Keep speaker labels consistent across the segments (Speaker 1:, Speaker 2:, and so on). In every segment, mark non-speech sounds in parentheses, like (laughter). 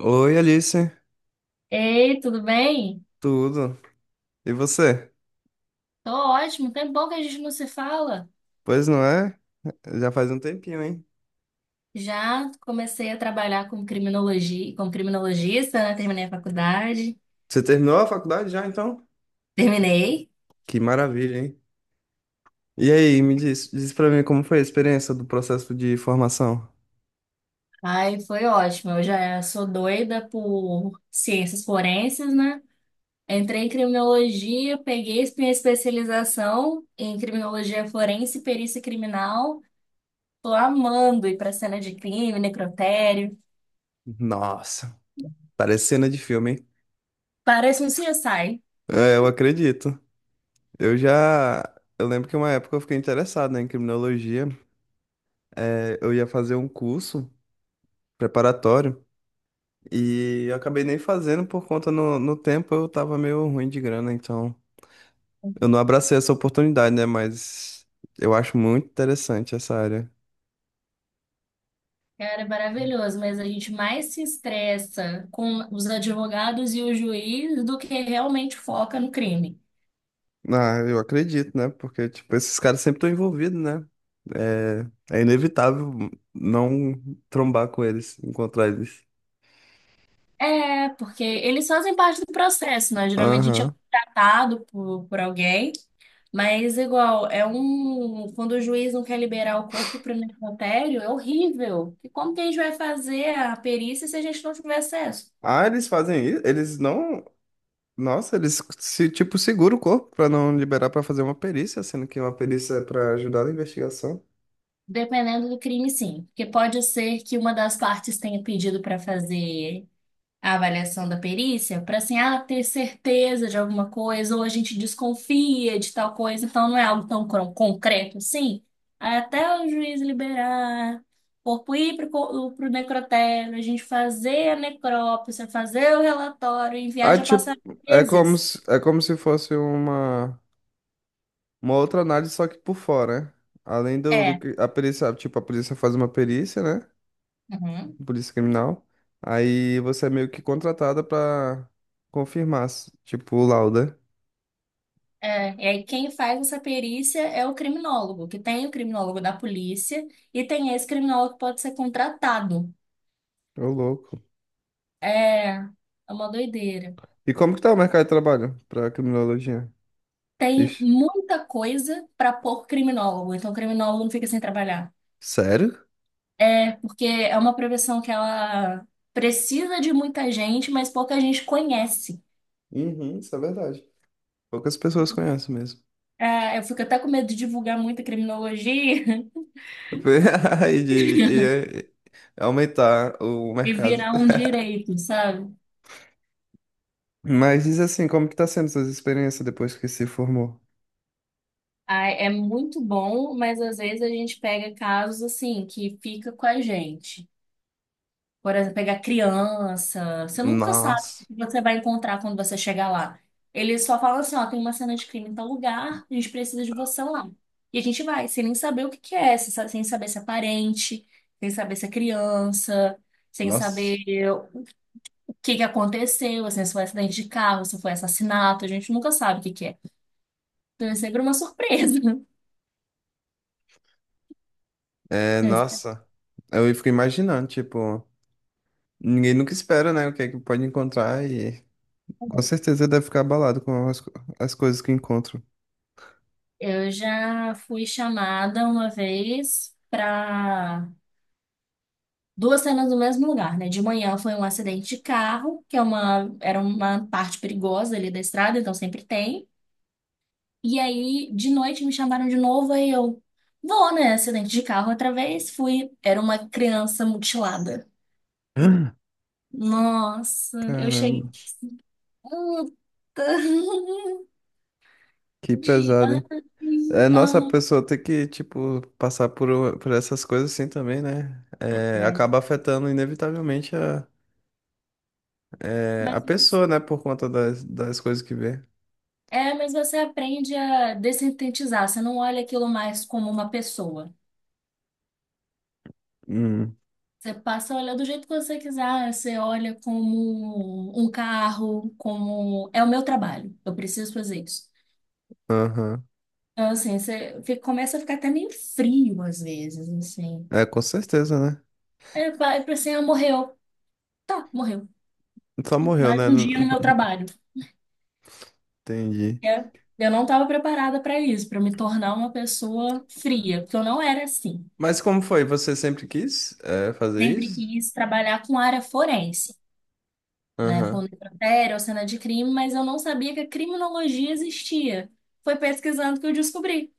Speaker 1: Oi, Alice.
Speaker 2: Ei, tudo bem?
Speaker 1: Tudo? E você?
Speaker 2: Tô ótimo. Tem bom que a gente não se fala.
Speaker 1: Pois não é? Já faz um tempinho, hein?
Speaker 2: Já comecei a trabalhar com criminologia, como criminologista, né? Terminei a faculdade.
Speaker 1: Você terminou a faculdade já, então?
Speaker 2: Terminei.
Speaker 1: Que maravilha, hein? E aí, me diz, diz pra mim como foi a experiência do processo de formação?
Speaker 2: Aí foi ótimo. Eu já sou doida por ciências forenses, né? Entrei em criminologia, peguei minha especialização em criminologia forense e perícia criminal. Tô amando ir pra cena de crime, necrotério.
Speaker 1: Nossa, parece cena de filme, hein?
Speaker 2: Parece um CSI.
Speaker 1: É, eu acredito. Eu já. Eu lembro que uma época eu fiquei interessado, né, em criminologia. É, eu ia fazer um curso preparatório e eu acabei nem fazendo por conta no tempo eu tava meio ruim de grana, então. Eu não abracei essa oportunidade, né? Mas eu acho muito interessante essa área.
Speaker 2: Cara, é maravilhoso, mas a gente mais se estressa com os advogados e o juiz do que realmente foca no crime.
Speaker 1: Ah, eu acredito, né? Porque, tipo, esses caras sempre estão envolvidos, né? É, é inevitável não trombar com eles, encontrar eles.
Speaker 2: É, porque eles fazem parte do processo, né? Geralmente a gente é
Speaker 1: Aham.
Speaker 2: contratado por alguém, mas igual, é um. Quando o juiz não quer liberar o corpo para o necrotério, é horrível. E como que a gente vai fazer a perícia se a gente não tiver acesso?
Speaker 1: Ah, eles fazem isso? Eles não. Nossa, eles se, tipo, seguram o corpo pra não liberar pra fazer uma perícia, sendo que uma perícia é pra ajudar na investigação.
Speaker 2: Dependendo do crime, sim. Porque pode ser que uma das partes tenha pedido para fazer a avaliação da perícia para assim, ah, ter certeza de alguma coisa, ou a gente desconfia de tal coisa, então não é algo tão concreto assim. Aí até o juiz liberar, o corpo ir para o necrotério, a gente fazer a necrópsia, fazer o relatório, enviar,
Speaker 1: Ah,
Speaker 2: já
Speaker 1: tipo,
Speaker 2: passar meses.
Speaker 1: é como se fosse uma. Uma outra análise, só que por fora, né? Além do
Speaker 2: É.
Speaker 1: que a perícia, tipo, a polícia faz uma perícia, né?
Speaker 2: Uhum.
Speaker 1: Polícia criminal. Aí você é meio que contratada pra confirmar, tipo, o laudo. Né?
Speaker 2: É, e aí quem faz essa perícia é o criminólogo, que tem o criminólogo da polícia e tem esse criminólogo que pode ser contratado.
Speaker 1: Ô, louco.
Speaker 2: É uma doideira.
Speaker 1: E como que tá o mercado de trabalho pra criminologia?
Speaker 2: Tem
Speaker 1: Ixi.
Speaker 2: muita coisa para pôr criminólogo, então o criminólogo não fica sem trabalhar.
Speaker 1: Sério?
Speaker 2: É, porque é uma profissão que ela precisa de muita gente, mas pouca gente conhece.
Speaker 1: Uhum, isso é verdade. Poucas pessoas conhecem mesmo.
Speaker 2: É, eu fico até com medo de divulgar muita criminologia (laughs)
Speaker 1: (laughs) E de e aumentar o
Speaker 2: e
Speaker 1: mercado.
Speaker 2: virar um direito, sabe?
Speaker 1: Mas diz assim, como que tá sendo suas experiências depois que se formou?
Speaker 2: Ah, é muito bom, mas às vezes a gente pega casos assim que fica com a gente. Por exemplo, pegar criança. Você nunca sabe o
Speaker 1: Nossa,
Speaker 2: que você vai encontrar quando você chegar lá. Eles só falam assim, ó, tem uma cena de crime em tal lugar, a gente precisa de você lá. E a gente vai, sem nem saber o que que é, sem saber se é parente, sem saber se é criança, sem
Speaker 1: nossa.
Speaker 2: saber o que que aconteceu, assim, se foi acidente de carro, se foi assassinato, a gente nunca sabe o que que é. Então é sempre uma surpresa.
Speaker 1: É,
Speaker 2: (laughs)
Speaker 1: nossa, eu fico imaginando, tipo, ninguém nunca espera, né, o que é que pode encontrar e com certeza deve ficar abalado com as, as coisas que encontro.
Speaker 2: Eu já fui chamada uma vez para duas cenas no mesmo lugar, né? De manhã foi um acidente de carro, que é uma, era uma parte perigosa ali da estrada, então sempre tem. E aí, de noite, me chamaram de novo, aí eu vou, né? Acidente de carro outra vez, fui. Era uma criança mutilada.
Speaker 1: (gasps)
Speaker 2: Nossa, eu
Speaker 1: Caramba,
Speaker 2: cheguei. Puta. (laughs)
Speaker 1: que
Speaker 2: De...
Speaker 1: pesado, hein? É,
Speaker 2: ai,
Speaker 1: nossa, a
Speaker 2: aham.
Speaker 1: pessoa tem que, tipo, passar por, por essas coisas assim também, né? É,
Speaker 2: É,
Speaker 1: acaba afetando inevitavelmente a, é, a
Speaker 2: mas,
Speaker 1: pessoa, né, por conta das, das coisas que vê.
Speaker 2: é, mas você aprende a dessintetizar, você não olha aquilo mais como uma pessoa.
Speaker 1: Hum,
Speaker 2: Você passa a olhar do jeito que você quiser, você olha como um carro, como. É o meu trabalho, eu preciso fazer isso.
Speaker 1: aham.
Speaker 2: Então, assim, você começa a ficar até meio frio às vezes, assim.
Speaker 1: É, com certeza, né?
Speaker 2: É, vai pra assim, ah, morreu. Tá, morreu.
Speaker 1: Só morreu,
Speaker 2: Mais
Speaker 1: né?
Speaker 2: um dia no meu
Speaker 1: (laughs)
Speaker 2: trabalho.
Speaker 1: Entendi.
Speaker 2: É, eu não estava preparada para isso, para me tornar uma pessoa fria, porque eu não era assim.
Speaker 1: Mas como foi? Você sempre quis é, fazer
Speaker 2: Sempre
Speaker 1: isso?
Speaker 2: quis trabalhar com área forense. Né, com
Speaker 1: Aham,
Speaker 2: necrotério ou cena de crime, mas eu não sabia que a criminologia existia. Foi pesquisando que eu descobri.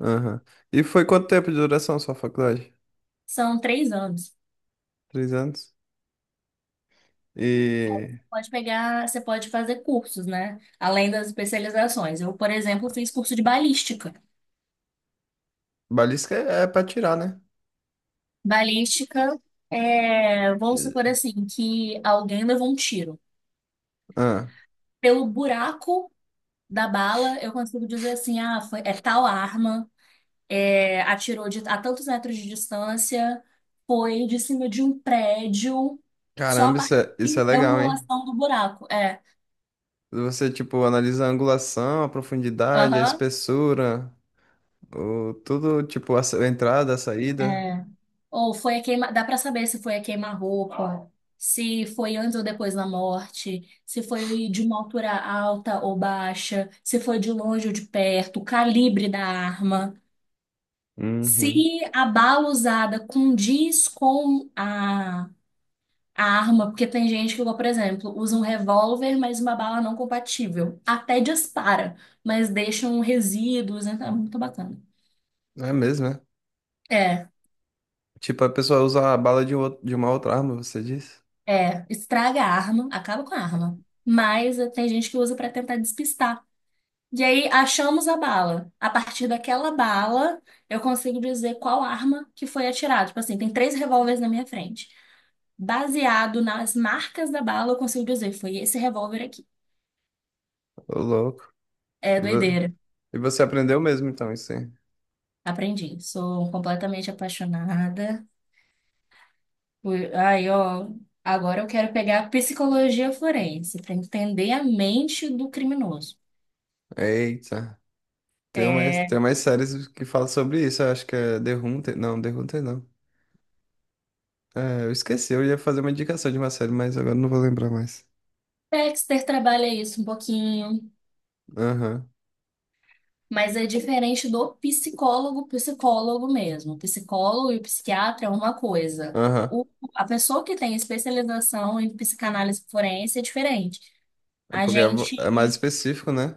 Speaker 1: aham. E foi quanto tempo de duração sua faculdade?
Speaker 2: São 3 anos.
Speaker 1: Três anos? E
Speaker 2: Pode pegar, você pode fazer cursos, né? Além das especializações. Eu, por exemplo, fiz curso de balística.
Speaker 1: balística é, é pra tirar, né?
Speaker 2: Balística é, vamos supor
Speaker 1: E-
Speaker 2: assim, que alguém levou um tiro.
Speaker 1: Ah,
Speaker 2: Pelo buraco da bala, eu consigo dizer assim, ah, foi, é tal arma, é, a tantos metros de distância, foi de cima de um prédio, só a
Speaker 1: caramba, isso é
Speaker 2: partir da
Speaker 1: legal, hein?
Speaker 2: angulação do buraco. É,
Speaker 1: Você, tipo, analisa a angulação, a profundidade, a
Speaker 2: aham,
Speaker 1: espessura, o, tudo, tipo, a a entrada, a saída.
Speaker 2: é. Ou foi a queima, dá pra saber se foi a queima-roupa, se foi antes ou depois da morte, se foi de uma altura alta ou baixa, se foi de longe ou de perto, o calibre da arma. Se
Speaker 1: Uhum.
Speaker 2: a bala usada condiz com a arma, porque tem gente que, por exemplo, usa um revólver, mas uma bala não compatível. Até dispara, mas deixam resíduos, né? Tá muito bacana.
Speaker 1: É mesmo, né?
Speaker 2: É,
Speaker 1: Tipo, a pessoa usa a bala de, de uma outra arma, você diz?
Speaker 2: é, estraga a arma, acaba com a arma. Mas tem gente que usa pra tentar despistar. E aí achamos a bala. A partir daquela bala, eu consigo dizer qual arma que foi atirada. Tipo assim, tem 3 revólveres na minha frente. Baseado nas marcas da bala, eu consigo dizer, foi esse revólver aqui.
Speaker 1: Ô, louco.
Speaker 2: É
Speaker 1: E
Speaker 2: doideira.
Speaker 1: e você aprendeu mesmo, então, isso aí.
Speaker 2: Aprendi. Sou completamente apaixonada. Aí, ó, agora eu quero pegar a psicologia forense para entender a mente do criminoso.
Speaker 1: Eita,
Speaker 2: É,
Speaker 1: tem mais séries que falam sobre isso. Eu acho que é The Hunter. Não, The Hunter não. É, eu esqueci, eu ia fazer uma indicação de uma série, mas agora não vou lembrar mais.
Speaker 2: Dexter trabalha isso um pouquinho,
Speaker 1: Aham,
Speaker 2: mas é diferente do psicólogo, psicólogo mesmo. O psicólogo e o psiquiatra é uma coisa.
Speaker 1: aham.
Speaker 2: O- a pessoa que tem especialização em psicanálise forense é diferente.
Speaker 1: É
Speaker 2: A
Speaker 1: porque é, é mais
Speaker 2: gente.
Speaker 1: específico, né?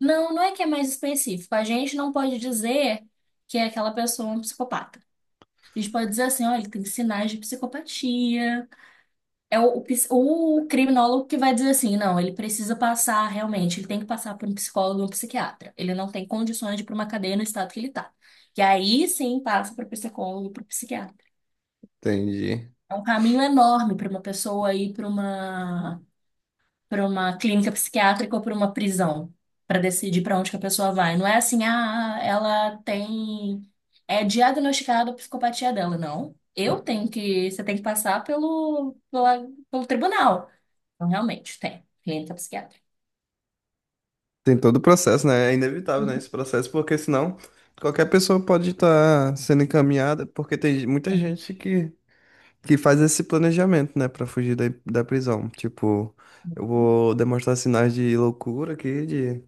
Speaker 2: Não, não é que é mais específico. A gente não pode dizer que é aquela pessoa é um psicopata. A gente pode dizer assim, olha, ele tem sinais de psicopatia. É o o criminólogo que vai dizer assim, não, ele precisa passar realmente, ele tem que passar por um psicólogo ou um psiquiatra. Ele não tem condições de ir para uma cadeia no estado que ele está. E aí sim passa para o psicólogo, e para o psiquiatra.
Speaker 1: Entendi.
Speaker 2: É um caminho enorme para uma pessoa ir para uma clínica psiquiátrica ou para uma prisão, para decidir para onde que a pessoa vai. Não é assim, ah, ela tem. É diagnosticada a psicopatia dela, não. Eu tenho que. Você tem que passar pelo tribunal. Então, realmente, tem. Clínica psiquiátrica.
Speaker 1: Tem todo o processo, né? É inevitável, né,
Speaker 2: Uhum,
Speaker 1: esse processo, porque senão qualquer pessoa pode estar sendo encaminhada, porque tem muita
Speaker 2: tem.
Speaker 1: gente que faz esse planejamento, né, pra fugir da, da prisão. Tipo, eu vou demonstrar sinais de loucura aqui,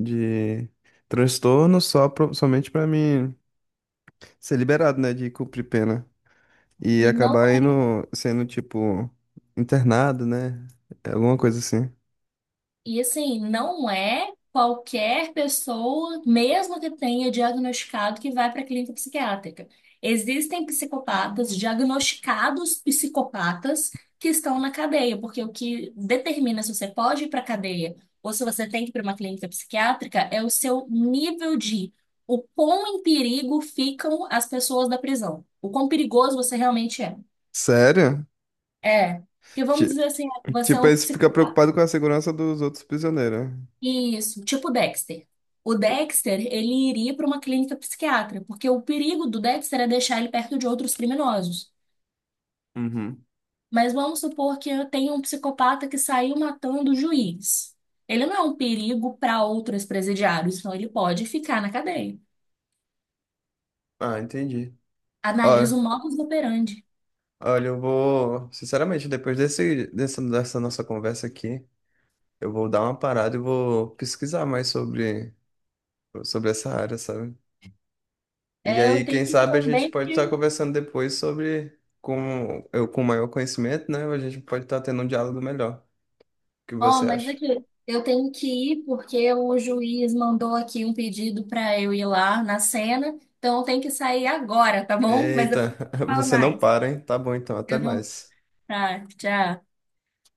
Speaker 1: de transtorno só somente pra mim ser liberado, né, de cumprir pena e
Speaker 2: E não.
Speaker 1: acabar indo sendo tipo internado, né? É alguma coisa assim.
Speaker 2: E assim, não é qualquer pessoa, mesmo que tenha diagnosticado, que vai para a clínica psiquiátrica. Existem psicopatas, diagnosticados psicopatas, que estão na cadeia, porque o que determina se você pode ir para a cadeia ou se você tem que ir para uma clínica psiquiátrica é o seu nível de, o quão em perigo ficam as pessoas da prisão, o quão perigoso você realmente é.
Speaker 1: Sério?
Speaker 2: É. Porque vamos
Speaker 1: Ti-
Speaker 2: dizer assim, você é
Speaker 1: Tipo, aí
Speaker 2: um
Speaker 1: você fica
Speaker 2: psicopata.
Speaker 1: preocupado com a segurança dos outros prisioneiros. Né?
Speaker 2: Isso, tipo Dexter. O Dexter, ele iria para uma clínica psiquiátrica, porque o perigo do Dexter é deixar ele perto de outros criminosos.
Speaker 1: Uhum.
Speaker 2: Mas vamos supor que eu tenha um psicopata que saiu matando o juiz. Ele não é um perigo para outros presidiários, então ele pode ficar na cadeia.
Speaker 1: Ah, entendi.
Speaker 2: Analisa
Speaker 1: Olha,
Speaker 2: o modus operandi.
Speaker 1: olha, eu vou, sinceramente, depois desse, dessa, dessa nossa conversa aqui, eu vou dar uma parada e vou pesquisar mais sobre, sobre essa área, sabe? E
Speaker 2: É, eu
Speaker 1: aí,
Speaker 2: tenho
Speaker 1: quem
Speaker 2: que
Speaker 1: sabe a gente
Speaker 2: também
Speaker 1: pode
Speaker 2: que
Speaker 1: estar conversando depois sobre com eu com maior conhecimento, né? A gente pode estar tendo um diálogo melhor. O que
Speaker 2: Ó,
Speaker 1: você
Speaker 2: mas
Speaker 1: acha?
Speaker 2: aqui, eu tenho que ir porque o juiz mandou aqui um pedido para eu ir lá na cena. Então eu tenho que sair agora, tá bom? Mas depois
Speaker 1: Eita,
Speaker 2: eu
Speaker 1: (laughs)
Speaker 2: falo
Speaker 1: você não
Speaker 2: mais.
Speaker 1: para, hein? Tá bom então, até
Speaker 2: Eu não.
Speaker 1: mais.
Speaker 2: Tá, tchau.